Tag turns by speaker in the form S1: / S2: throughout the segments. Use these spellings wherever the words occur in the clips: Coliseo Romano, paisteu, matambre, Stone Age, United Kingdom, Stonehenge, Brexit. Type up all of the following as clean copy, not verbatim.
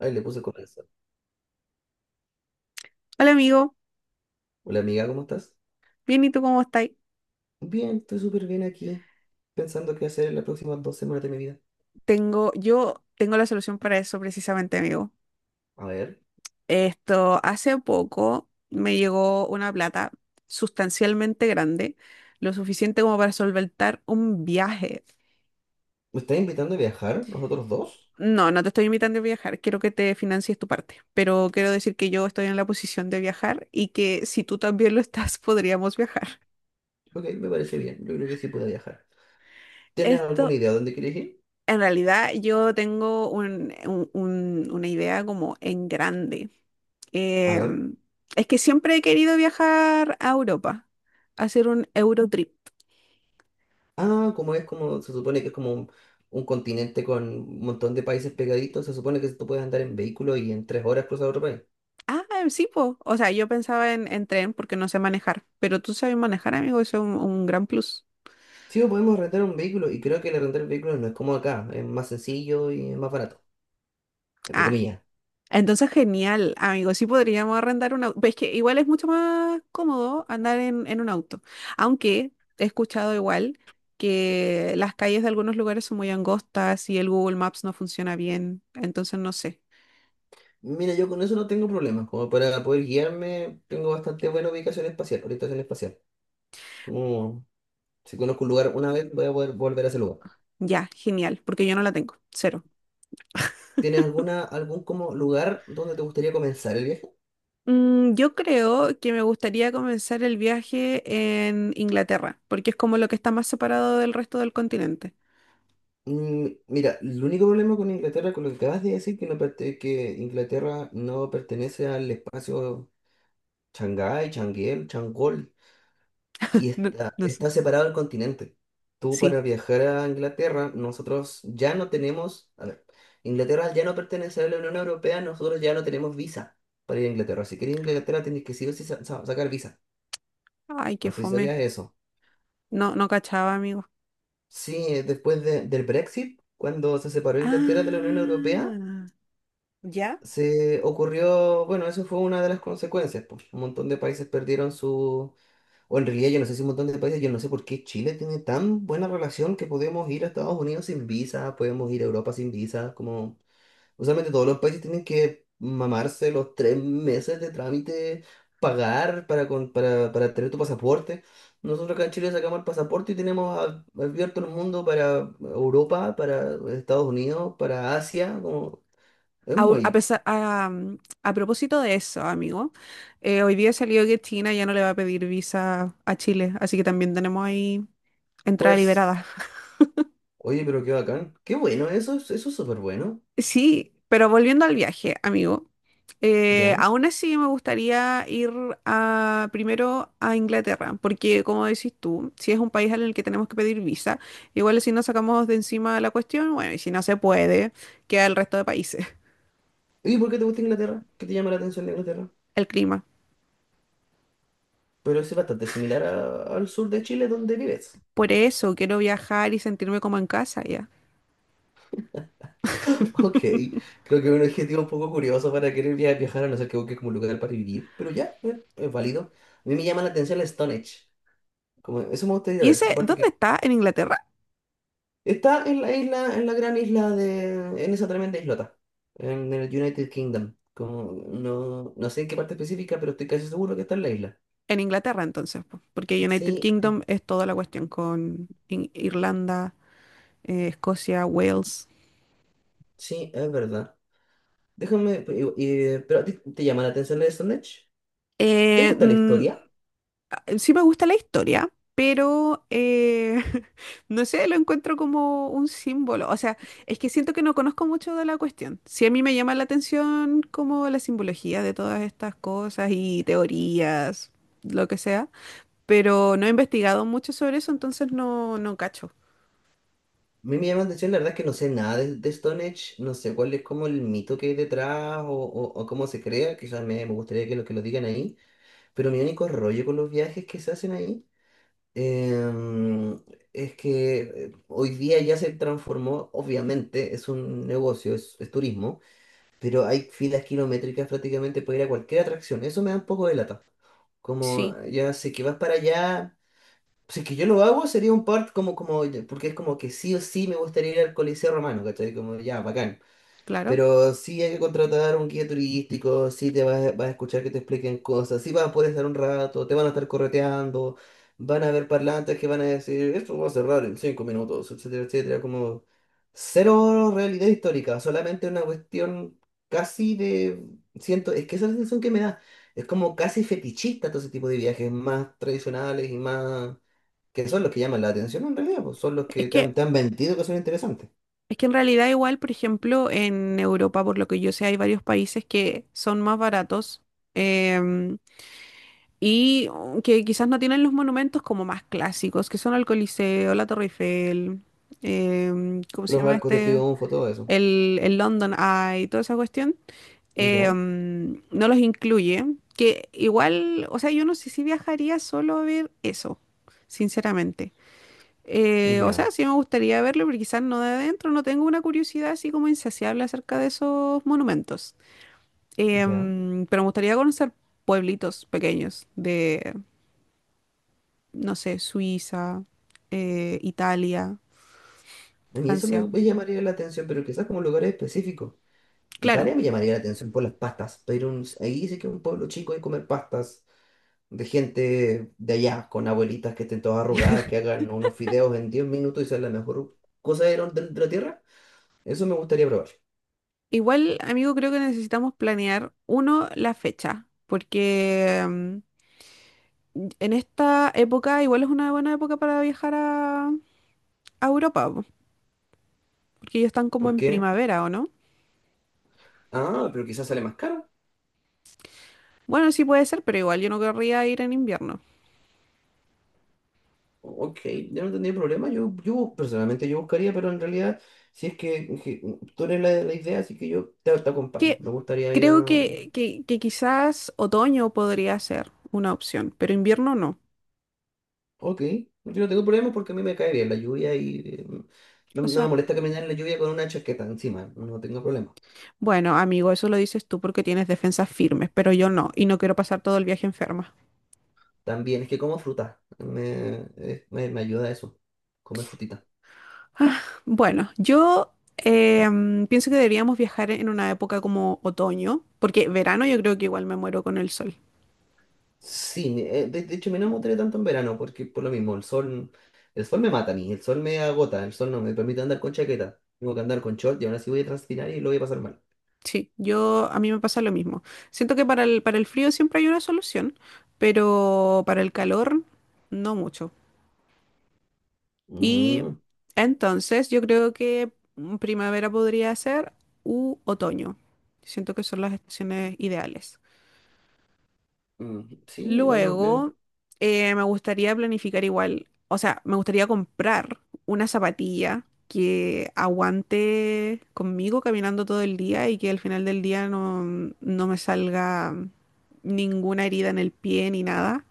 S1: Ay, le puse corazón.
S2: Hola amigo,
S1: Hola amiga, ¿cómo estás?
S2: bien, ¿y tú cómo estás?
S1: Bien, estoy súper bien aquí, pensando qué hacer en las próximas 2 semanas de mi vida.
S2: Yo tengo la solución para eso precisamente, amigo.
S1: A ver,
S2: Esto, hace poco me llegó una plata sustancialmente grande, lo suficiente como para solventar un viaje.
S1: ¿me estás invitando a viajar, nosotros dos?
S2: No, no te estoy invitando a viajar, quiero que te financies tu parte, pero quiero decir que yo estoy en la posición de viajar y que si tú también lo estás, podríamos viajar.
S1: Ok, me parece bien, yo creo que sí puedo viajar. ¿Tienes alguna
S2: Esto.
S1: idea de dónde quieres ir?
S2: En realidad yo tengo una idea como en grande.
S1: A
S2: Eh,
S1: ver.
S2: es que siempre he querido viajar a Europa, hacer un Eurotrip.
S1: Ah, como es como, se supone que es como un continente con un montón de países pegaditos, se supone que tú puedes andar en vehículo y en 3 horas cruzar otro país.
S2: Ah, sí, po. O sea, yo pensaba en tren porque no sé manejar, pero tú sabes manejar, amigo, eso es un gran plus.
S1: Sí, o podemos rentar un vehículo y creo que el rentar el vehículo no es como acá, es más sencillo y es más barato, entre
S2: Ah,
S1: comillas.
S2: entonces, genial, amigos. Sí podríamos arrendar un auto. Es que igual es mucho más cómodo andar en un auto. Aunque he escuchado igual que las calles de algunos lugares son muy angostas y el Google Maps no funciona bien. Entonces, no sé.
S1: Mira, yo con eso no tengo problemas. Como para poder guiarme, tengo bastante buena ubicación espacial, orientación espacial. Como si conozco un lugar una vez, voy a poder volver a ese lugar.
S2: Ya, genial, porque yo no la tengo. Cero.
S1: ¿Tienes alguna, algún como lugar donde te gustaría comenzar el viaje?
S2: Mm, yo creo que me gustaría comenzar el viaje en Inglaterra, porque es como lo que está más separado del resto del continente.
S1: Mm, mira, el único problema con Inglaterra, con lo que acabas de decir, que, que Inglaterra no pertenece al espacio Shanghái, Changuel, Changol, y
S2: No,
S1: está,
S2: no sé.
S1: está separado el continente. Tú
S2: Sí.
S1: para viajar a Inglaterra, nosotros ya no tenemos, a ver, Inglaterra al ya no pertenece a la Unión Europea, nosotros ya no tenemos visa para ir a Inglaterra. Si quieres ir a Inglaterra, tienes que sí o sí sacar visa.
S2: Ay, qué
S1: No sé si
S2: fome.
S1: sabías eso.
S2: No, no cachaba, amigo.
S1: Sí, después del Brexit, cuando se separó Inglaterra de la Unión Europea,
S2: Ah, ¿ya?
S1: se ocurrió, bueno, eso fue una de las consecuencias, pues, un montón de países perdieron su o en realidad yo no sé si un montón de países, yo no sé por qué Chile tiene tan buena relación que podemos ir a Estados Unidos sin visa, podemos ir a Europa sin visa, como usualmente todos los países tienen que mamarse los 3 meses de trámite, pagar para, para tener tu pasaporte. Nosotros acá en Chile sacamos el pasaporte y tenemos abierto el mundo para Europa, para Estados Unidos, para Asia, como es
S2: A
S1: muy,
S2: pesar, a, um, a propósito de eso, amigo, hoy día salió que China ya no le va a pedir visa a Chile, así que también tenemos ahí entrada
S1: pues,
S2: liberada.
S1: oye, pero qué bacán, qué bueno, eso, eso es súper bueno.
S2: Sí, pero volviendo al viaje, amigo, aún así me gustaría ir primero a Inglaterra, porque como decís tú, si es un país en el que tenemos que pedir visa, igual si no sacamos de encima la cuestión, bueno, y si no se puede, queda el resto de países.
S1: ¿Y por qué te gusta Inglaterra? ¿Qué te llama la atención de Inglaterra?
S2: El clima.
S1: Pero es bastante similar al sur de Chile donde vives.
S2: Por eso quiero viajar y sentirme como en casa ya.
S1: Ok, creo que es un objetivo un poco curioso para querer viajar, a no ser que busques como un lugar para vivir, pero ya, es válido. A mí me llama la atención la Stonehenge, como eso me gustaría
S2: ¿Y
S1: ver,
S2: ese,
S1: aparte
S2: dónde
S1: que
S2: está? ¿En Inglaterra?
S1: está en la isla, en la gran isla de, en esa tremenda islota, en el United Kingdom, como no, no sé en qué parte específica, pero estoy casi seguro que está en la isla.
S2: En Inglaterra entonces, po, porque United
S1: Sí,
S2: Kingdom es toda la cuestión con Irlanda, Escocia, Wales.
S1: sí, es verdad. Déjame, pero ¿a ti te llama la atención la de Stone Age? ¿Te
S2: Eh,
S1: gusta la
S2: mm,
S1: historia?
S2: sí me gusta la historia, pero no sé, lo encuentro como un símbolo. O sea, es que siento que no conozco mucho de la cuestión. Sí a mí me llama la atención como la simbología de todas estas cosas y teorías, lo que sea, pero no he investigado mucho sobre eso, entonces no, no cacho.
S1: A mí me llama la atención, la verdad es que no sé nada de Stone Age, no sé cuál es como el mito que hay detrás o, o cómo se crea, quizás me gustaría que que lo digan ahí, pero mi único rollo con los viajes que se hacen ahí em, es que hoy día ya se transformó, obviamente es un negocio, es turismo, pero hay filas kilométricas prácticamente para ir a cualquier atracción, eso me da un poco de lata. Como
S2: Sí,
S1: ya sé que vas para allá. Si es que yo lo hago, sería un part porque es como que sí o sí me gustaría ir al Coliseo Romano, ¿cachai? Como ya, bacán.
S2: claro.
S1: Pero sí hay que contratar un guía turístico, sí te vas, a vas a escuchar que te expliquen cosas, sí vas a poder estar un rato, te van a estar correteando, van a haber parlantes que van a decir, esto va a cerrar en 5 minutos, etcétera, etcétera. Como cero realidad histórica, solamente una cuestión casi de, siento, es que esa es la sensación que me da. Es como casi fetichista todo ese tipo de viajes más tradicionales y más que son los que llaman la atención en realidad, pues son los
S2: Es
S1: que te han,
S2: que,
S1: te han vendido que son interesantes.
S2: es que en realidad igual, por ejemplo, en Europa, por lo que yo sé, hay varios países que son más baratos, em, y oh, que quizás no tienen los monumentos como más clásicos, que son el Coliseo, la Torre Eiffel, ¿cómo se
S1: Los
S2: llama
S1: arcos de
S2: este?
S1: triunfo, todo eso.
S2: El London Eye, toda esa cuestión.
S1: Ya,
S2: No los incluye, que igual, o sea, yo no sé si viajaría solo a ver eso, sinceramente. O sea,
S1: ya,
S2: sí me gustaría verlo, pero quizás no de adentro, no tengo una curiosidad así como insaciable acerca de esos monumentos.
S1: ya.
S2: Pero me gustaría conocer pueblitos pequeños de, no sé, Suiza, Italia,
S1: A mí eso me,
S2: Francia.
S1: me llamaría la atención, pero quizás como lugares específicos.
S2: Claro.
S1: Italia me llamaría la atención por las pastas, pero ahí sí que es un pueblo chico hay comer pastas de gente de allá, con abuelitas que estén todas arrugadas, que hagan unos fideos en 10 minutos y sea la mejor cosa de la tierra. Eso me gustaría probar.
S2: Igual, amigo, creo que necesitamos planear, uno, la fecha, porque en esta época igual es una buena época para viajar a Europa, po, porque ellos están como
S1: ¿Por
S2: en
S1: qué?
S2: primavera, ¿o no?
S1: Ah, pero quizás sale más caro.
S2: Bueno, sí puede ser, pero igual yo no querría ir en invierno.
S1: Ok, yo no tendría problema. Yo personalmente yo buscaría, pero en realidad, si es que tú eres la idea, así que yo te
S2: Que
S1: acompaño. Me gustaría ir
S2: creo
S1: a.
S2: que quizás otoño podría ser una opción, pero invierno no.
S1: Ok, yo no tengo problemas porque a mí me cae bien la lluvia y no,
S2: O
S1: no me
S2: sea,
S1: molesta caminar en la lluvia con una chaqueta encima. No tengo problema.
S2: bueno, amigo, eso lo dices tú porque tienes defensas firmes, pero yo no, y no quiero pasar todo el viaje enferma.
S1: También es que como fruta, me ayuda eso, comer frutita.
S2: Bueno, yo pienso que deberíamos viajar en una época como otoño, porque verano yo creo que igual me muero con el sol.
S1: Sí, de hecho me no enamoré tanto en verano porque por lo mismo, el sol me mata a mí, el sol me agota, el sol no me permite andar con chaqueta, tengo que andar con short y ahora sí voy a transpirar y lo voy a pasar mal.
S2: Sí, yo a mí me pasa lo mismo. Siento que para el frío siempre hay una solución, pero para el calor no mucho. Y
S1: Mm,
S2: entonces yo creo que mm, primavera podría ser u otoño. Siento que son las estaciones ideales.
S1: mm, sí, igual.
S2: Luego, me gustaría planificar igual, o sea, me gustaría comprar una zapatilla que aguante conmigo caminando todo el día y que al final del día no, no me salga ninguna herida en el pie ni nada.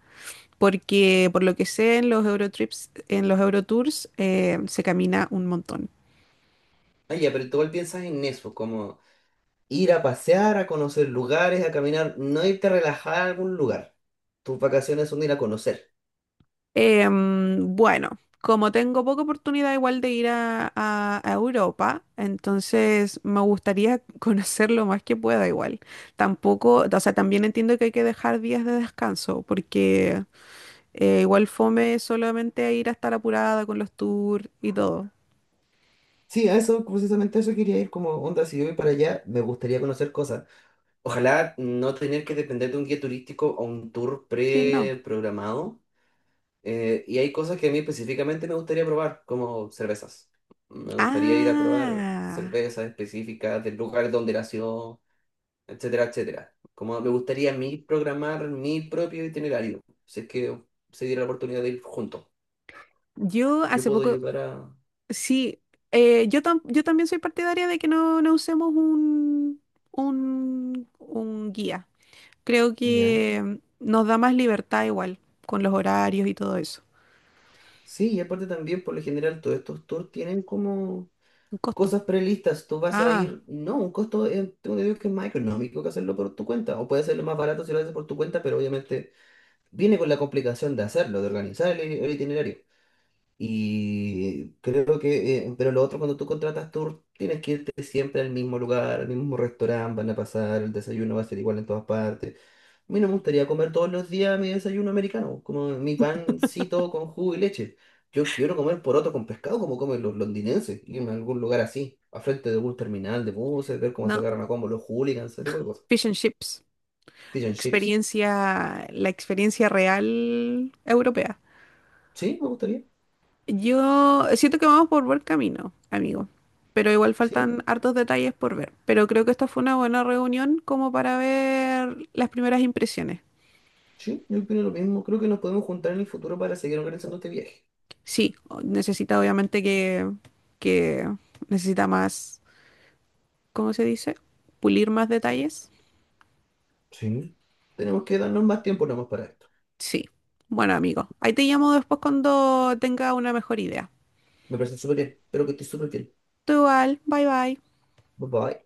S2: Porque por lo que sé en los Eurotrips, en los Eurotours, se camina un montón.
S1: Ah, ya, pero tú igual piensas en eso, como ir a pasear, a conocer lugares, a caminar, no irte a relajar a algún lugar. Tus vacaciones son ir a conocer.
S2: Bueno, como tengo poca oportunidad igual de ir a Europa, entonces me gustaría conocer lo más que pueda igual. Tampoco, o sea, también entiendo que hay que dejar días de descanso, porque igual fome solamente ir a estar apurada con los tours y todo.
S1: Sí, a eso, precisamente a eso quería ir como onda, si yo voy para allá, me gustaría conocer cosas. Ojalá no tener que depender de un guía turístico o un tour
S2: Sí, no.
S1: preprogramado. Y hay cosas que a mí específicamente me gustaría probar, como cervezas. Me gustaría ir a probar
S2: Ah,
S1: cervezas específicas del lugar donde nació, etcétera, etcétera. Como me gustaría a mí programar mi propio itinerario, si es que se diera la oportunidad de ir juntos.
S2: yo
S1: Yo
S2: hace
S1: puedo
S2: poco,
S1: ayudar a...
S2: sí, yo, yo también soy partidaria de que no, no usemos un guía. Creo
S1: Ya.
S2: que nos da más libertad igual, con los horarios y todo eso.
S1: Sí, y aparte también, por lo general, todos estos tours tienen como
S2: Un costo.
S1: cosas prelistas, tú vas a
S2: Ah,
S1: ir, no, un costo, tengo que decir que es más económico que hacerlo por tu cuenta, o puede hacerlo más barato si lo haces por tu cuenta, pero obviamente viene con la complicación de hacerlo, de organizar el itinerario. Y creo que, pero lo otro, cuando tú contratas tour, tienes que irte siempre al mismo lugar, al mismo restaurante, van a pasar, el desayuno va a ser igual en todas partes. A mí no me gustaría comer todos los días mi desayuno americano, como mi pancito con jugo y leche. Yo quiero comer poroto con pescado como comen los londinenses, irme a algún lugar así, a frente de algún terminal de buses, ver cómo se
S2: no,
S1: agarran a combo los hooligans, ese tipo de cosas.
S2: fish and chips.
S1: Fish and chips.
S2: Experiencia, la experiencia real europea.
S1: Sí, me gustaría.
S2: Yo siento que vamos por buen camino, amigo. Pero igual
S1: Sí,
S2: faltan hartos detalles por ver. Pero creo que esta fue una buena reunión como para ver las primeras impresiones.
S1: sí, yo opino lo mismo. Creo que nos podemos juntar en el futuro para seguir organizando este viaje.
S2: Sí, o- necesita obviamente que necesita más, ¿cómo se dice? Pulir más detalles.
S1: Sí. Tenemos que darnos más tiempo nomás para esto.
S2: Sí. Bueno, amigo, ahí te llamo después cuando tenga una mejor idea.
S1: Me parece súper bien. Espero que estés súper bien.
S2: Tú igual, bye bye.
S1: Bye bye.